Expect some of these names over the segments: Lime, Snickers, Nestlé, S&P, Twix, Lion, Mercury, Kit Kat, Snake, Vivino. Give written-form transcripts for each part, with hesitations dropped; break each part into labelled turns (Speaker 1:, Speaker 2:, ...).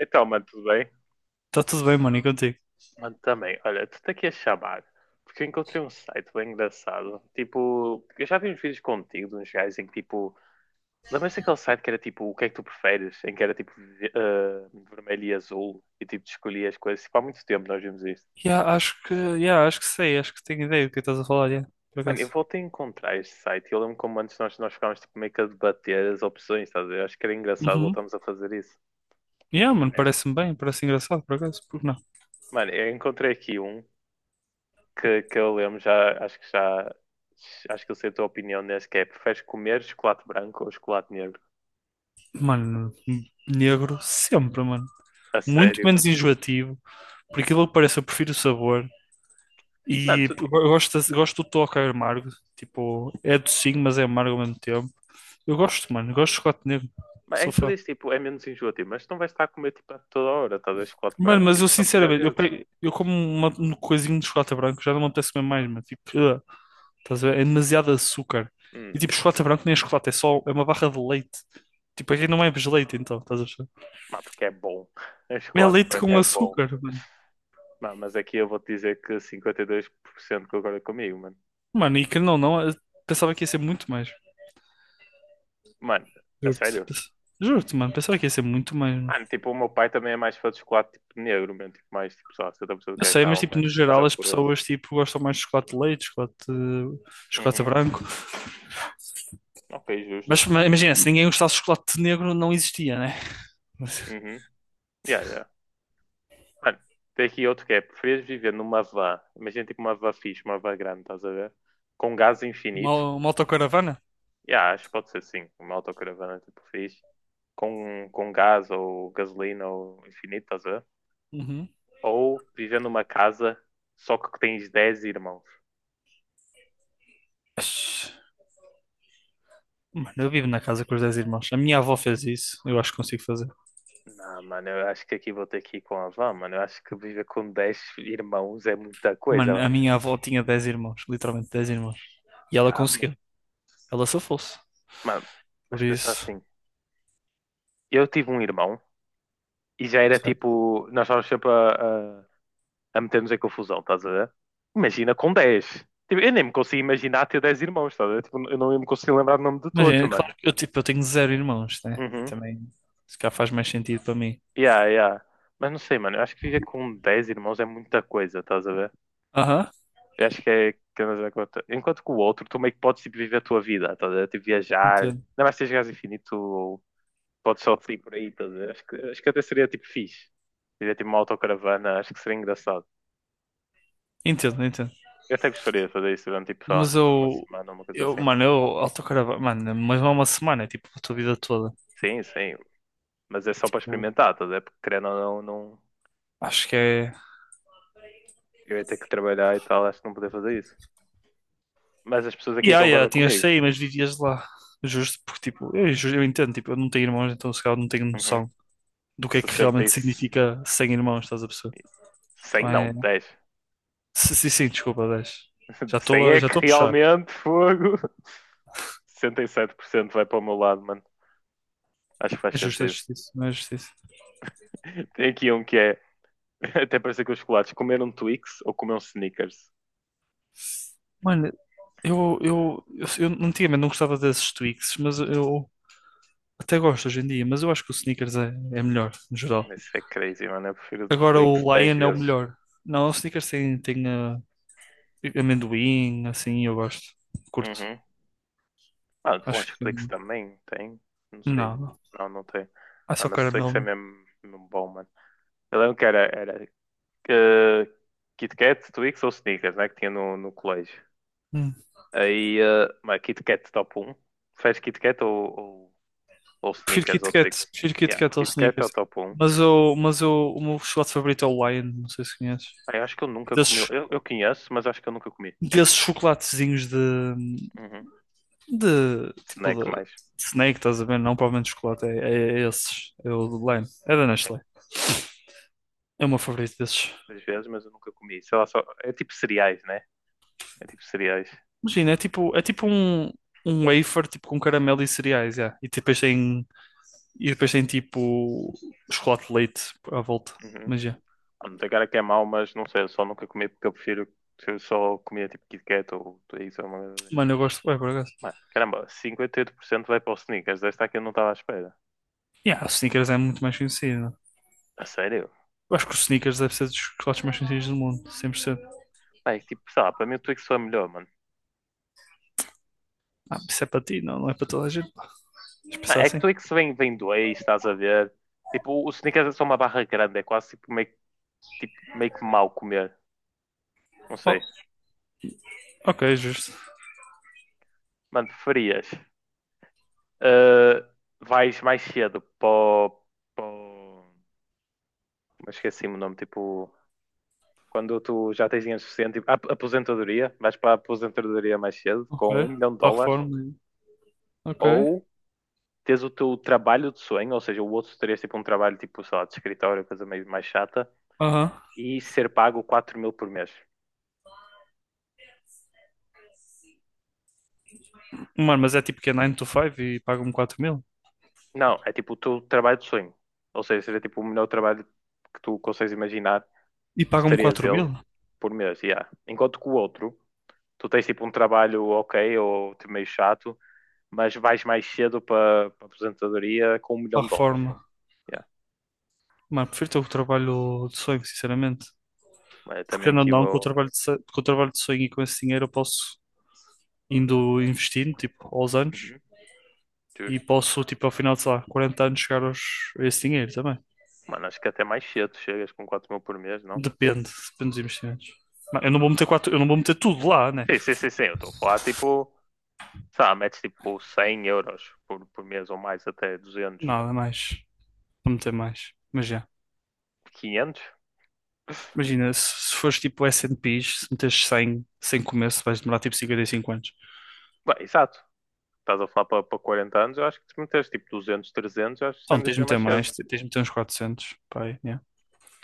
Speaker 1: Então, mano, tudo bem?
Speaker 2: Tá tudo bem, mano, e contigo?
Speaker 1: Mano, também. Olha, tu tá aqui a chamar. Porque eu encontrei um site bem engraçado. Tipo, eu já vi uns vídeos contigo de uns gajos em que, tipo, lembras daquele site que era tipo, o que é que tu preferes? Em que era tipo, vermelho e azul. E tipo, tu escolhias as coisas. Tipo, há muito tempo nós vimos isto.
Speaker 2: Yeah, acho que sei, acho que tenho ideia do que estás a falar, yeah, por
Speaker 1: Mano, eu
Speaker 2: acaso.
Speaker 1: voltei a encontrar este site. E eu lembro como antes nós ficávamos tipo, meio que a debater as opções, estás a ver? Acho que era engraçado
Speaker 2: Uhum.
Speaker 1: voltamos a fazer isso.
Speaker 2: Yeah,
Speaker 1: Tu
Speaker 2: mano,
Speaker 1: queres?
Speaker 2: parece-me bem, parece engraçado, por acaso, porque não?
Speaker 1: Mano, eu encontrei aqui um que eu lembro, acho que eu sei a tua opinião nesse que é, preferes comer chocolate branco ou chocolate negro?
Speaker 2: Mano, negro sempre, mano.
Speaker 1: A
Speaker 2: Muito
Speaker 1: sério,
Speaker 2: menos
Speaker 1: mano.
Speaker 2: enjoativo, por aquilo que parece, eu prefiro o sabor.
Speaker 1: Mano,
Speaker 2: E
Speaker 1: tu,
Speaker 2: eu gosto, gosto do toque amargo, tipo, é docinho, mas é amargo ao mesmo tempo. Eu gosto, mano, gosto de chocolate negro,
Speaker 1: é que
Speaker 2: sou
Speaker 1: tu
Speaker 2: fã.
Speaker 1: dizes, tipo, é menos enjoativo, mas tu não vais estar a comer, tipo, a toda hora, talvez chocolate
Speaker 2: Mano,
Speaker 1: branco,
Speaker 2: mas eu
Speaker 1: tipo, só comes às
Speaker 2: sinceramente,
Speaker 1: vezes.
Speaker 2: eu como uma, um coisinho de chocolate branco, já não me apetece comer mais, mano, tipo, ugh. Estás a ver? É demasiado açúcar. E
Speaker 1: Hum,
Speaker 2: tipo, chocolate branco nem é chocolate, é só é uma barra de leite. Tipo, aqui não é leite, então, estás a ver?
Speaker 1: mas porque é bom. O
Speaker 2: É
Speaker 1: chocolate
Speaker 2: leite
Speaker 1: branco
Speaker 2: com
Speaker 1: é bom.
Speaker 2: açúcar, mano.
Speaker 1: Mano, mas aqui eu vou-te dizer que 52% concorda comigo, mano.
Speaker 2: Mano, e que não, não, eu pensava que ia ser muito mais.
Speaker 1: Mano, a
Speaker 2: Juro-te.
Speaker 1: sério?
Speaker 2: Juro-te, mano, pensava que ia ser muito mais, mano.
Speaker 1: Mano, tipo, o meu pai também é mais fã de chocolate, tipo, negro, mesmo, tipo, mais, tipo, só 70% do
Speaker 2: Eu sei, mas
Speaker 1: cacau,
Speaker 2: tipo, no
Speaker 1: mas é
Speaker 2: geral as
Speaker 1: horroroso.
Speaker 2: pessoas tipo, gostam mais de chocolate de leite, chocolate
Speaker 1: Uhum,
Speaker 2: branco.
Speaker 1: ok, justo.
Speaker 2: Imagina, se ninguém gostasse de chocolate negro, não existia, né?
Speaker 1: Uhum. Yeah, yeah. Mano, tem aqui outro que é: preferias viver numa van? Imagina tipo uma van fixe, uma van grande, estás a ver? Com gás infinito.
Speaker 2: Uma autocaravana?
Speaker 1: Yeah, acho que pode ser sim, uma autocaravana tipo fixe. Com gás ou gasolina ou infinito, estás a ver?
Speaker 2: Uhum.
Speaker 1: Ou viver numa casa só que tens 10 irmãos.
Speaker 2: Mas, mano, eu vivo na casa com os 10 irmãos. A minha avó fez isso, eu acho que consigo fazer.
Speaker 1: Não, mano, eu acho que aqui vou ter que ir com a van, mano. Eu acho que viver com 10 irmãos é muita
Speaker 2: Mano,
Speaker 1: coisa.
Speaker 2: a minha avó tinha 10 irmãos, literalmente 10 irmãos. E
Speaker 1: Que
Speaker 2: ela
Speaker 1: ama.
Speaker 2: conseguiu, ela só fosse.
Speaker 1: Mano, mas
Speaker 2: Por
Speaker 1: pensar
Speaker 2: isso,
Speaker 1: assim: eu tive um irmão e já era
Speaker 2: sabe?
Speaker 1: tipo, nós estávamos sempre a meter-nos em confusão, estás a ver? Imagina com dez. Tipo, eu nem me consigo imaginar ter 10 irmãos, estás a ver? Tipo, eu não me consigo lembrar o nome de todos,
Speaker 2: Imagina,
Speaker 1: mano.
Speaker 2: claro que eu, tipo, eu tenho zero irmãos, né?
Speaker 1: Uhum.
Speaker 2: Também, se calhar faz mais sentido para mim.
Speaker 1: Yeah, yeah. Mas não sei, mano, eu acho que viver com 10 irmãos é muita coisa, estás a ver?
Speaker 2: Aham,
Speaker 1: Eu acho que é. Que andas a conta. Enquanto que o outro, tu meio que podes tipo, viver a tua vida, estás a ver? Tipo, viajar. Ainda
Speaker 2: entendo,
Speaker 1: mais se jogares infinito, ou podes só ir por aí, estás a ver? Acho que até seria tipo fixe. Seria tipo uma autocaravana, acho que seria engraçado.
Speaker 2: entendo, entendo.
Speaker 1: Eu até gostaria de fazer isso durante tipo só
Speaker 2: Mas
Speaker 1: uma semana, uma coisa assim.
Speaker 2: mano, eu autocaravana, mano, mas não é uma semana, é tipo a tua vida toda.
Speaker 1: Sim, sim, mas é só para
Speaker 2: Tipo,
Speaker 1: experimentar, tá? A ver? Porque querendo ou não, não,
Speaker 2: acho que é.
Speaker 1: eu ia ter que trabalhar e tal, acho que não poder fazer isso. Mas as pessoas aqui
Speaker 2: Yeah, yeah,
Speaker 1: concordam
Speaker 2: tinhas de
Speaker 1: comigo.
Speaker 2: sair, mas vivias lá. Justo, porque tipo, eu entendo, tipo, eu não tenho irmãos, então se calhar não tenho
Speaker 1: Uhum.
Speaker 2: noção do que é que
Speaker 1: 60
Speaker 2: realmente
Speaker 1: e... se-
Speaker 2: significa sem irmãos, estás a perceber?
Speaker 1: 100
Speaker 2: Então
Speaker 1: não,
Speaker 2: é.
Speaker 1: 10.
Speaker 2: Sim, sim, sim, desculpa, 10. Já
Speaker 1: 100
Speaker 2: estou a,
Speaker 1: é
Speaker 2: já
Speaker 1: que
Speaker 2: estou a puxar.
Speaker 1: realmente fogo. 67% vai para o meu lado, mano. Acho que faz
Speaker 2: É justo, é
Speaker 1: sentido.
Speaker 2: justiça, não é justiça.
Speaker 1: Tem aqui um que é, até parece que os chocolates, comer um Twix ou comer um Snickers.
Speaker 2: Mano, eu antigamente não gostava desses Twix, mas eu até gosto hoje em dia, mas eu acho que o Snickers é melhor, no geral.
Speaker 1: Isso é crazy, mano. Eu prefiro o
Speaker 2: Agora o
Speaker 1: Twix 10
Speaker 2: Lion é o
Speaker 1: vezes.
Speaker 2: melhor. Não, o Snickers tem amendoim, assim, eu gosto. Curto.
Speaker 1: Uhum. Ah, eu
Speaker 2: Acho
Speaker 1: acho
Speaker 2: que
Speaker 1: que o
Speaker 2: fica
Speaker 1: Twix
Speaker 2: melhor.
Speaker 1: também tem. Não sei.
Speaker 2: Não, não.
Speaker 1: Não, não tem.
Speaker 2: Ah,
Speaker 1: Ah,
Speaker 2: só
Speaker 1: mas o
Speaker 2: caramelo,
Speaker 1: Twix é
Speaker 2: não.
Speaker 1: mesmo, mesmo bom, mano. Eu lembro que era eh, Kit Kat, Twix ou Snickers, né? Que tinha no colégio.
Speaker 2: Hum.
Speaker 1: Aí, mas Kit Kat top um, fez Kit Kat ou, ou Snickers ou Twix?
Speaker 2: Prefiro Kit
Speaker 1: Yeah,
Speaker 2: Kat ao
Speaker 1: Kit Kat é o
Speaker 2: Snickers.
Speaker 1: top um.
Speaker 2: Mas eu, o meu chocolate favorito é o Lion, não sei se conheces.
Speaker 1: Aí, acho que eu nunca comi.
Speaker 2: Desses
Speaker 1: Eu conheço, mas acho que eu nunca comi.
Speaker 2: desses chocolatezinhos de,
Speaker 1: Uhum.
Speaker 2: de tipo
Speaker 1: Snack
Speaker 2: de
Speaker 1: mais.
Speaker 2: Snake, estás a ver? Não, provavelmente chocolate, é esses, é o de Lime, é da
Speaker 1: É,
Speaker 2: Nestlé, é o meu favorito desses.
Speaker 1: às vezes, mas eu nunca comi. Sei lá, só. É tipo cereais, né? É tipo cereais.
Speaker 2: Imagina, é tipo um wafer tipo com caramelo e cereais, yeah. E depois tem tipo chocolate de leite à volta,
Speaker 1: Uhum.
Speaker 2: mas yeah.
Speaker 1: Ah, não tem cara que é mau, mas não sei, eu só nunca comi porque eu prefiro eu só comia tipo Kit Kat ou tudo isso, alguma coisa assim.
Speaker 2: Mano, eu gosto, é por acaso.
Speaker 1: Mano, caramba, 58% vai para os Snickers desta aqui, eu não estava à espera.
Speaker 2: Yeah, o Snickers é muito mais conhecido.
Speaker 1: A sério?
Speaker 2: Eu acho que o Snickers deve ser dos chocolates mais conhecidos do mundo, 100%.
Speaker 1: Mano, é que, tipo, sei lá, para mim o Twix foi melhor, mano.
Speaker 2: Ah, isso é para ti, não, não é para toda a gente. Deixa eu
Speaker 1: Mano,
Speaker 2: pensar
Speaker 1: é que
Speaker 2: assim.
Speaker 1: Twix vem dois, estás a ver? Tipo, o Snickers é só uma barra grande, é quase tipo, meio que mal comer, não
Speaker 2: Oh,
Speaker 1: sei.
Speaker 2: ok, justo.
Speaker 1: Mano, preferias? ah, vais mais cedo para o- para o- mas esqueci-me o nome, tipo. Quando tu já tens dinheiro suficiente, tipo, a aposentadoria, vais para a aposentadoria mais cedo,
Speaker 2: Ok.
Speaker 1: com
Speaker 2: Para
Speaker 1: um milhão de
Speaker 2: a
Speaker 1: dólares,
Speaker 2: reforma. Ok.
Speaker 1: ou tens o teu trabalho de sonho, ou seja, o outro terias tipo um trabalho tipo, sei lá, de escritório, coisa meio mais chata,
Speaker 2: Aham.
Speaker 1: e ser pago 4 mil por mês.
Speaker 2: Mano, mas é tipo que é 9 to 5 e pagam-me 4000?
Speaker 1: Não, é tipo o teu trabalho de sonho. Ou seja, seria tipo o melhor trabalho que tu consegues imaginar,
Speaker 2: E
Speaker 1: tu
Speaker 2: pagam-me
Speaker 1: terias
Speaker 2: 4
Speaker 1: ele
Speaker 2: mil?
Speaker 1: por mês, yeah. Enquanto que o outro, tu tens tipo um trabalho ok, ou tipo, meio chato, mas vais mais cedo para a aposentadoria com um milhão
Speaker 2: Para
Speaker 1: de
Speaker 2: a
Speaker 1: dólares.
Speaker 2: reforma.
Speaker 1: Yeah.
Speaker 2: Mano, prefiro ter o trabalho de sonho, sinceramente.
Speaker 1: Mas eu
Speaker 2: Porque
Speaker 1: também
Speaker 2: não,
Speaker 1: aqui
Speaker 2: não,
Speaker 1: vou.
Speaker 2: com o trabalho de sonho e com esse dinheiro eu posso indo investindo, tipo, aos anos.
Speaker 1: Uhum,
Speaker 2: E
Speaker 1: justo.
Speaker 2: posso, tipo, ao final de, sei lá, 40 anos chegar aos, a esse dinheiro também.
Speaker 1: Mano, acho que até mais cedo chegas com 4 mil por mês, não?
Speaker 2: Depende, depende dos investimentos. Mas eu não vou meter quatro, eu não vou meter tudo lá, né?
Speaker 1: Sim, sim, sim, sim. Eu estou a falar tipo, sei lá, metes tipo 100 euros por mês ou mais, até 200
Speaker 2: Nada mais. Vou meter mais. Mas já.
Speaker 1: 500.
Speaker 2: Imagina, se fores tipo S&Ps, se meteres 100 sem começo, vais demorar tipo 55 anos.
Speaker 1: Bem, exato. Estás a falar para 40 anos, eu acho que se meteres tipo 200 300 eu acho que sem
Speaker 2: Então, tens de
Speaker 1: deixar
Speaker 2: meter
Speaker 1: mais cedo.
Speaker 2: mais, tens de meter uns 400. Pá, aí, yeah.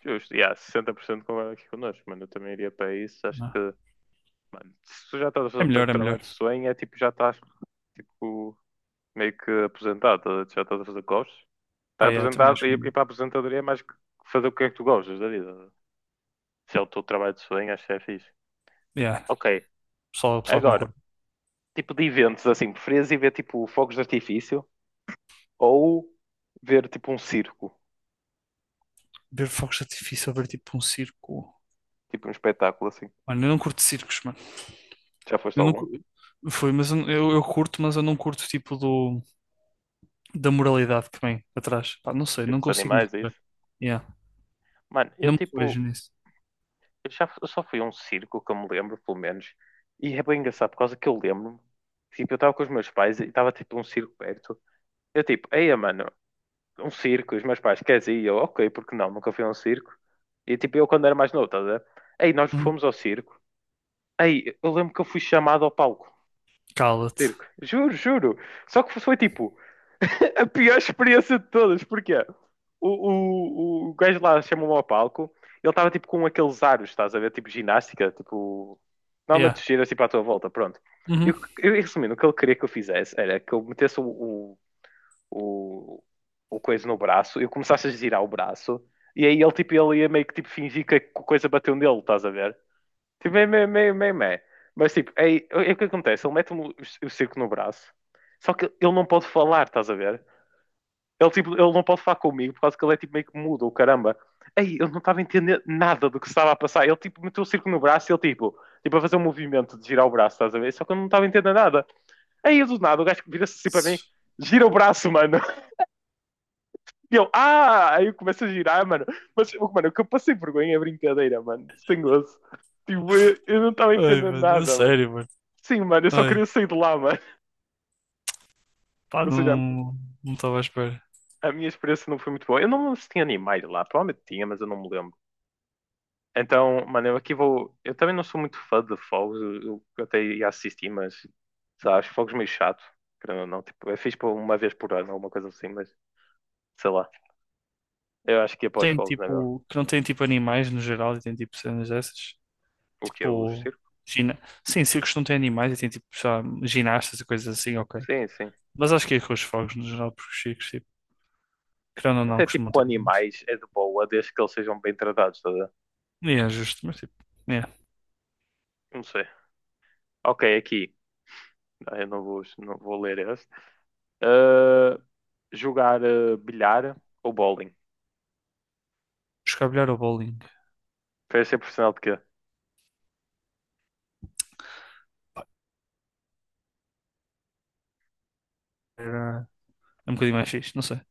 Speaker 1: Justo. E há 60% concorda aqui connosco, mano. Eu também iria para isso. Acho que,
Speaker 2: Não.
Speaker 1: mano, se tu já estás a fazer
Speaker 2: É
Speaker 1: o teu
Speaker 2: melhor, é
Speaker 1: trabalho
Speaker 2: melhor.
Speaker 1: de sonho, é tipo, já estás tipo, meio que aposentado, tá já estás a fazer costas. Estar
Speaker 2: Pá, yeah, também
Speaker 1: apresentado
Speaker 2: acho
Speaker 1: e
Speaker 2: que é melhor.
Speaker 1: ir para a apresentadoria é mais que fazer o que é que tu gostas da vida. Se é o teu trabalho de sonho, acho que é fixe.
Speaker 2: Yeah,
Speaker 1: Ok,
Speaker 2: pessoal
Speaker 1: agora,
Speaker 2: concorda.
Speaker 1: tipo de eventos assim, preferias ir ver tipo fogos de artifício ou ver tipo um circo,
Speaker 2: Ver fogos de artifício ou ver tipo um circo.
Speaker 1: tipo um espetáculo assim?
Speaker 2: Mano, eu não curto circos, mano.
Speaker 1: Já foste a
Speaker 2: Eu não,
Speaker 1: algum?
Speaker 2: foi, mas eu curto, mas eu não curto tipo da moralidade que vem atrás. Pá, não sei,
Speaker 1: Ver
Speaker 2: não
Speaker 1: dos
Speaker 2: consigo me
Speaker 1: animais, é
Speaker 2: rever.
Speaker 1: isso?
Speaker 2: Yeah.
Speaker 1: Mano, eu
Speaker 2: Não me vejo
Speaker 1: tipo,
Speaker 2: nisso.
Speaker 1: eu já eu só fui a um circo que eu me lembro, pelo menos, e é bem engraçado por causa que eu lembro-me. Tipo, eu estava com os meus pais e estava tipo um circo perto. Eu tipo, eia, mano, um circo, e os meus pais, queres ir? E eu, ok, porque não, nunca fui a um circo. E tipo, eu quando era mais novo, estás a ver? Aí nós
Speaker 2: Hum,
Speaker 1: fomos ao circo. Aí eu lembro que eu fui chamado ao palco do
Speaker 2: Cala-te.
Speaker 1: circo. Juro, juro. Só que foi tipo a pior experiência de todas. Porque o gajo lá chamou-me ao palco. Ele estava tipo com aqueles aros, estás a ver? Tipo ginástica, tipo. Normalmente
Speaker 2: Yeah.
Speaker 1: tu giras tipo à tua volta, pronto. E
Speaker 2: Uhum.
Speaker 1: o que- eu, resumindo, o que ele queria que eu fizesse era que eu metesse o, o coisa no braço, eu começasse a girar o braço, e aí ele, tipo, ele ia meio que tipo, fingir que a coisa bateu nele, estás a ver? Tipo, meio, meio, meio, meio, meio. Mas tipo, aí, é o que acontece, ele mete-me o circo no braço, só que ele não pode falar, estás a ver? Ele, tipo, ele não pode falar comigo por causa que ele é tipo meio que mudo, o caramba. Aí eu não estava a entender nada do que estava a passar. Ele tipo meteu o circo no braço e ele tipo a fazer um movimento de girar o braço, estás a ver? Só que eu não estava a entender nada. Aí do nada o gajo vira-se assim para mim, gira o braço, mano. E eu, ah! Aí eu começo a girar, mano. Mas, tipo, mano, o que eu passei vergonha é brincadeira, mano. Sem gozo. Tipo, eu não estava
Speaker 2: Ai,
Speaker 1: entendendo
Speaker 2: mano, é
Speaker 1: nada, mano.
Speaker 2: sério, mano.
Speaker 1: Sim, mano, eu só
Speaker 2: Ai,
Speaker 1: queria sair de lá, mano.
Speaker 2: pá,
Speaker 1: Ou seja,
Speaker 2: não, não estava à espera.
Speaker 1: a minha experiência não foi muito boa. Eu não lembro se tinha animais lá. Provavelmente tinha, mas eu não me lembro. Então, mano, eu aqui vou. Eu também não sou muito fã de fogos. Eu até ia assistir, mas. Sei lá, acho fogos meio chato. Querendo ou não, tipo, eu fiz por uma vez por ano, alguma coisa assim, mas sei lá. Eu acho que ia para os
Speaker 2: Tem
Speaker 1: fogos, não é mesmo?
Speaker 2: tipo, que não tem tipo animais no geral e tem tipo cenas dessas.
Speaker 1: O que é? Os
Speaker 2: Tipo,
Speaker 1: circos?
Speaker 2: gina... Sim, circos não têm animais e tem tipo, sei lá, ginastas e coisas assim, ok.
Speaker 1: Sim, sim.
Speaker 2: Mas acho que é com os fogos no geral, porque os circos, tipo, querendo ou não,
Speaker 1: Até tipo
Speaker 2: costumam
Speaker 1: com
Speaker 2: ter animais.
Speaker 1: animais é de boa, desde que eles sejam bem tratados, tá a ver?
Speaker 2: E é justo, mas tipo, é.
Speaker 1: Não sei. Ok, aqui. Ah, eu não vou, não vou ler esse. Ah, jogar bilhar ou bowling?
Speaker 2: Escabilhar ou bowling
Speaker 1: Prefere ser profissional de quê?
Speaker 2: era é um bocadinho mais fixe, não sei. O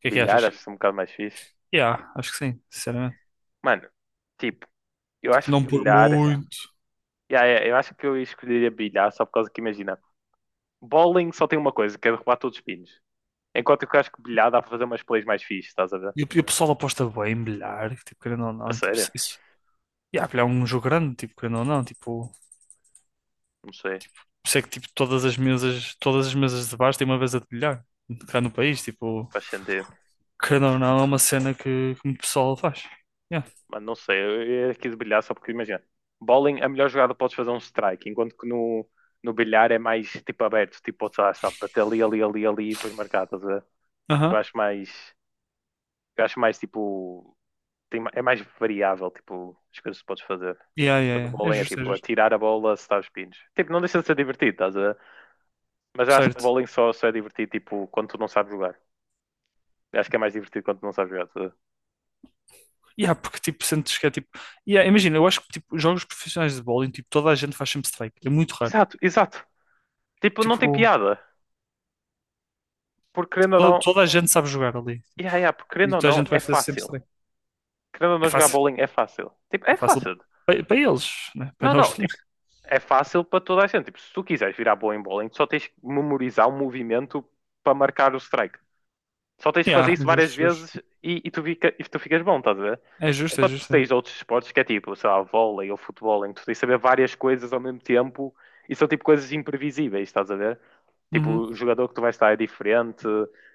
Speaker 2: que é que
Speaker 1: Bilhar,
Speaker 2: achas?
Speaker 1: acho que é um bocado mais fixe.
Speaker 2: Yeah, acho que sim, sinceramente.
Speaker 1: Mano, tipo, eu
Speaker 2: Tipo,
Speaker 1: acho que
Speaker 2: não por
Speaker 1: bilhar.
Speaker 2: muito.
Speaker 1: Yeah, yeah, eu acho que eu escolheria bilhar só por causa que, imagina, bowling só tem uma coisa, que é derrubar todos os pinos. Enquanto que eu acho que bilhar dá para fazer umas plays mais fixe, estás a ver?
Speaker 2: E o pessoal aposta bem, bilhar, que tipo, querendo ou
Speaker 1: A
Speaker 2: não, e, tipo.
Speaker 1: sério?
Speaker 2: E há, filho, é um jogo grande, tipo, querendo ou não, tipo, por
Speaker 1: Não sei.
Speaker 2: isso é que tipo, todas as mesas de bares têm uma mesa de bilhar cá no país, tipo,
Speaker 1: Faz sentido.
Speaker 2: querendo ou não, é uma cena que muito pessoal faz. Yeah.
Speaker 1: Mas não sei, eu quis brilhar só porque imagina. Bowling, a melhor jogada podes fazer é um strike, enquanto que no bilhar é mais tipo aberto, tipo, podes, sabe, bater ali, ali, ali, ali e depois marcar, estás a ver? Tipo,
Speaker 2: Aham.
Speaker 1: eu acho mais tipo, tem, ma- é mais variável, tipo, as coisas que podes fazer.
Speaker 2: Yeah,
Speaker 1: No
Speaker 2: yeah, yeah. É
Speaker 1: bowling é
Speaker 2: justo, é
Speaker 1: tipo,
Speaker 2: justo.
Speaker 1: atirar a bola se estás pinos. Tipo, não deixa de ser divertido, estás a ver? Mas eu acho que
Speaker 2: Certo.
Speaker 1: bowling só é divertido, tipo, quando tu não sabes jogar. Eu acho que é mais divertido quando tu não sabes jogar, estás a ver?
Speaker 2: Yeah, porque tipo, sentes que é tipo. Yeah, imagina, eu acho que tipo, jogos profissionais de bowling, tipo, toda a gente faz sempre strike. É muito raro.
Speaker 1: Exato, exato. Tipo, não tem
Speaker 2: Tipo,
Speaker 1: piada. Porque querendo ou
Speaker 2: toda,
Speaker 1: não,
Speaker 2: toda a gente sabe jogar ali.
Speaker 1: yeah, yeah, porque
Speaker 2: E
Speaker 1: querendo ou
Speaker 2: toda a
Speaker 1: não,
Speaker 2: gente
Speaker 1: é
Speaker 2: vai fazer sempre
Speaker 1: fácil.
Speaker 2: strike.
Speaker 1: Querendo ou
Speaker 2: É
Speaker 1: não jogar
Speaker 2: fácil.
Speaker 1: bowling é fácil. Tipo, é
Speaker 2: É fácil
Speaker 1: fácil.
Speaker 2: para eles, né? Para
Speaker 1: Não,
Speaker 2: nós
Speaker 1: não,
Speaker 2: também.
Speaker 1: tipo, é fácil para toda a gente. Tipo, se tu quiseres virar bom em bowling, tu só tens que memorizar o movimento para marcar o strike. Só tens de fazer
Speaker 2: Yeah,
Speaker 1: isso
Speaker 2: é
Speaker 1: várias
Speaker 2: justo, é justo.
Speaker 1: vezes e, e tu ficas bom, estás a ver?
Speaker 2: É justo, é
Speaker 1: Enquanto tu
Speaker 2: justo. É.
Speaker 1: tens outros esportes que é tipo, sei lá, vôlei ou futebol, em que tu tens de saber várias coisas ao mesmo tempo e são tipo coisas imprevisíveis, estás a ver? Tipo,
Speaker 2: Uhum.
Speaker 1: o jogador que tu vais estar é diferente,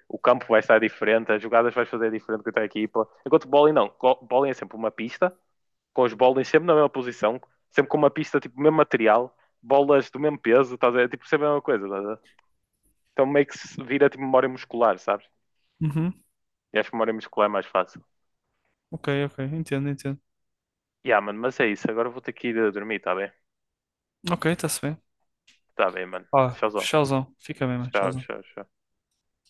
Speaker 1: o campo vai estar diferente, as jogadas vais fazer diferente com a tua equipa. Enquanto bowling não, Go- bowling é sempre uma pista, com os bowling sempre na mesma posição, sempre com uma pista, tipo, mesmo material, bolas do mesmo peso, estás a ver? Tipo, sempre a mesma coisa, estás a ver? Então meio que se vira tipo memória muscular, sabes?
Speaker 2: Uhum.
Speaker 1: E acho que memória muscular é mais fácil.
Speaker 2: Ok, ok. Entendo, entendo.
Speaker 1: Yeah, mano, mas é isso. Agora vou ter que ir a dormir, tá bem?
Speaker 2: Ok, está-se bem.
Speaker 1: Tá bem, mano.
Speaker 2: Pá,
Speaker 1: Tchauzão.
Speaker 2: tchauzão. Fica bem, mano.
Speaker 1: Tchau,
Speaker 2: Tchauzão.
Speaker 1: tchau, tchau.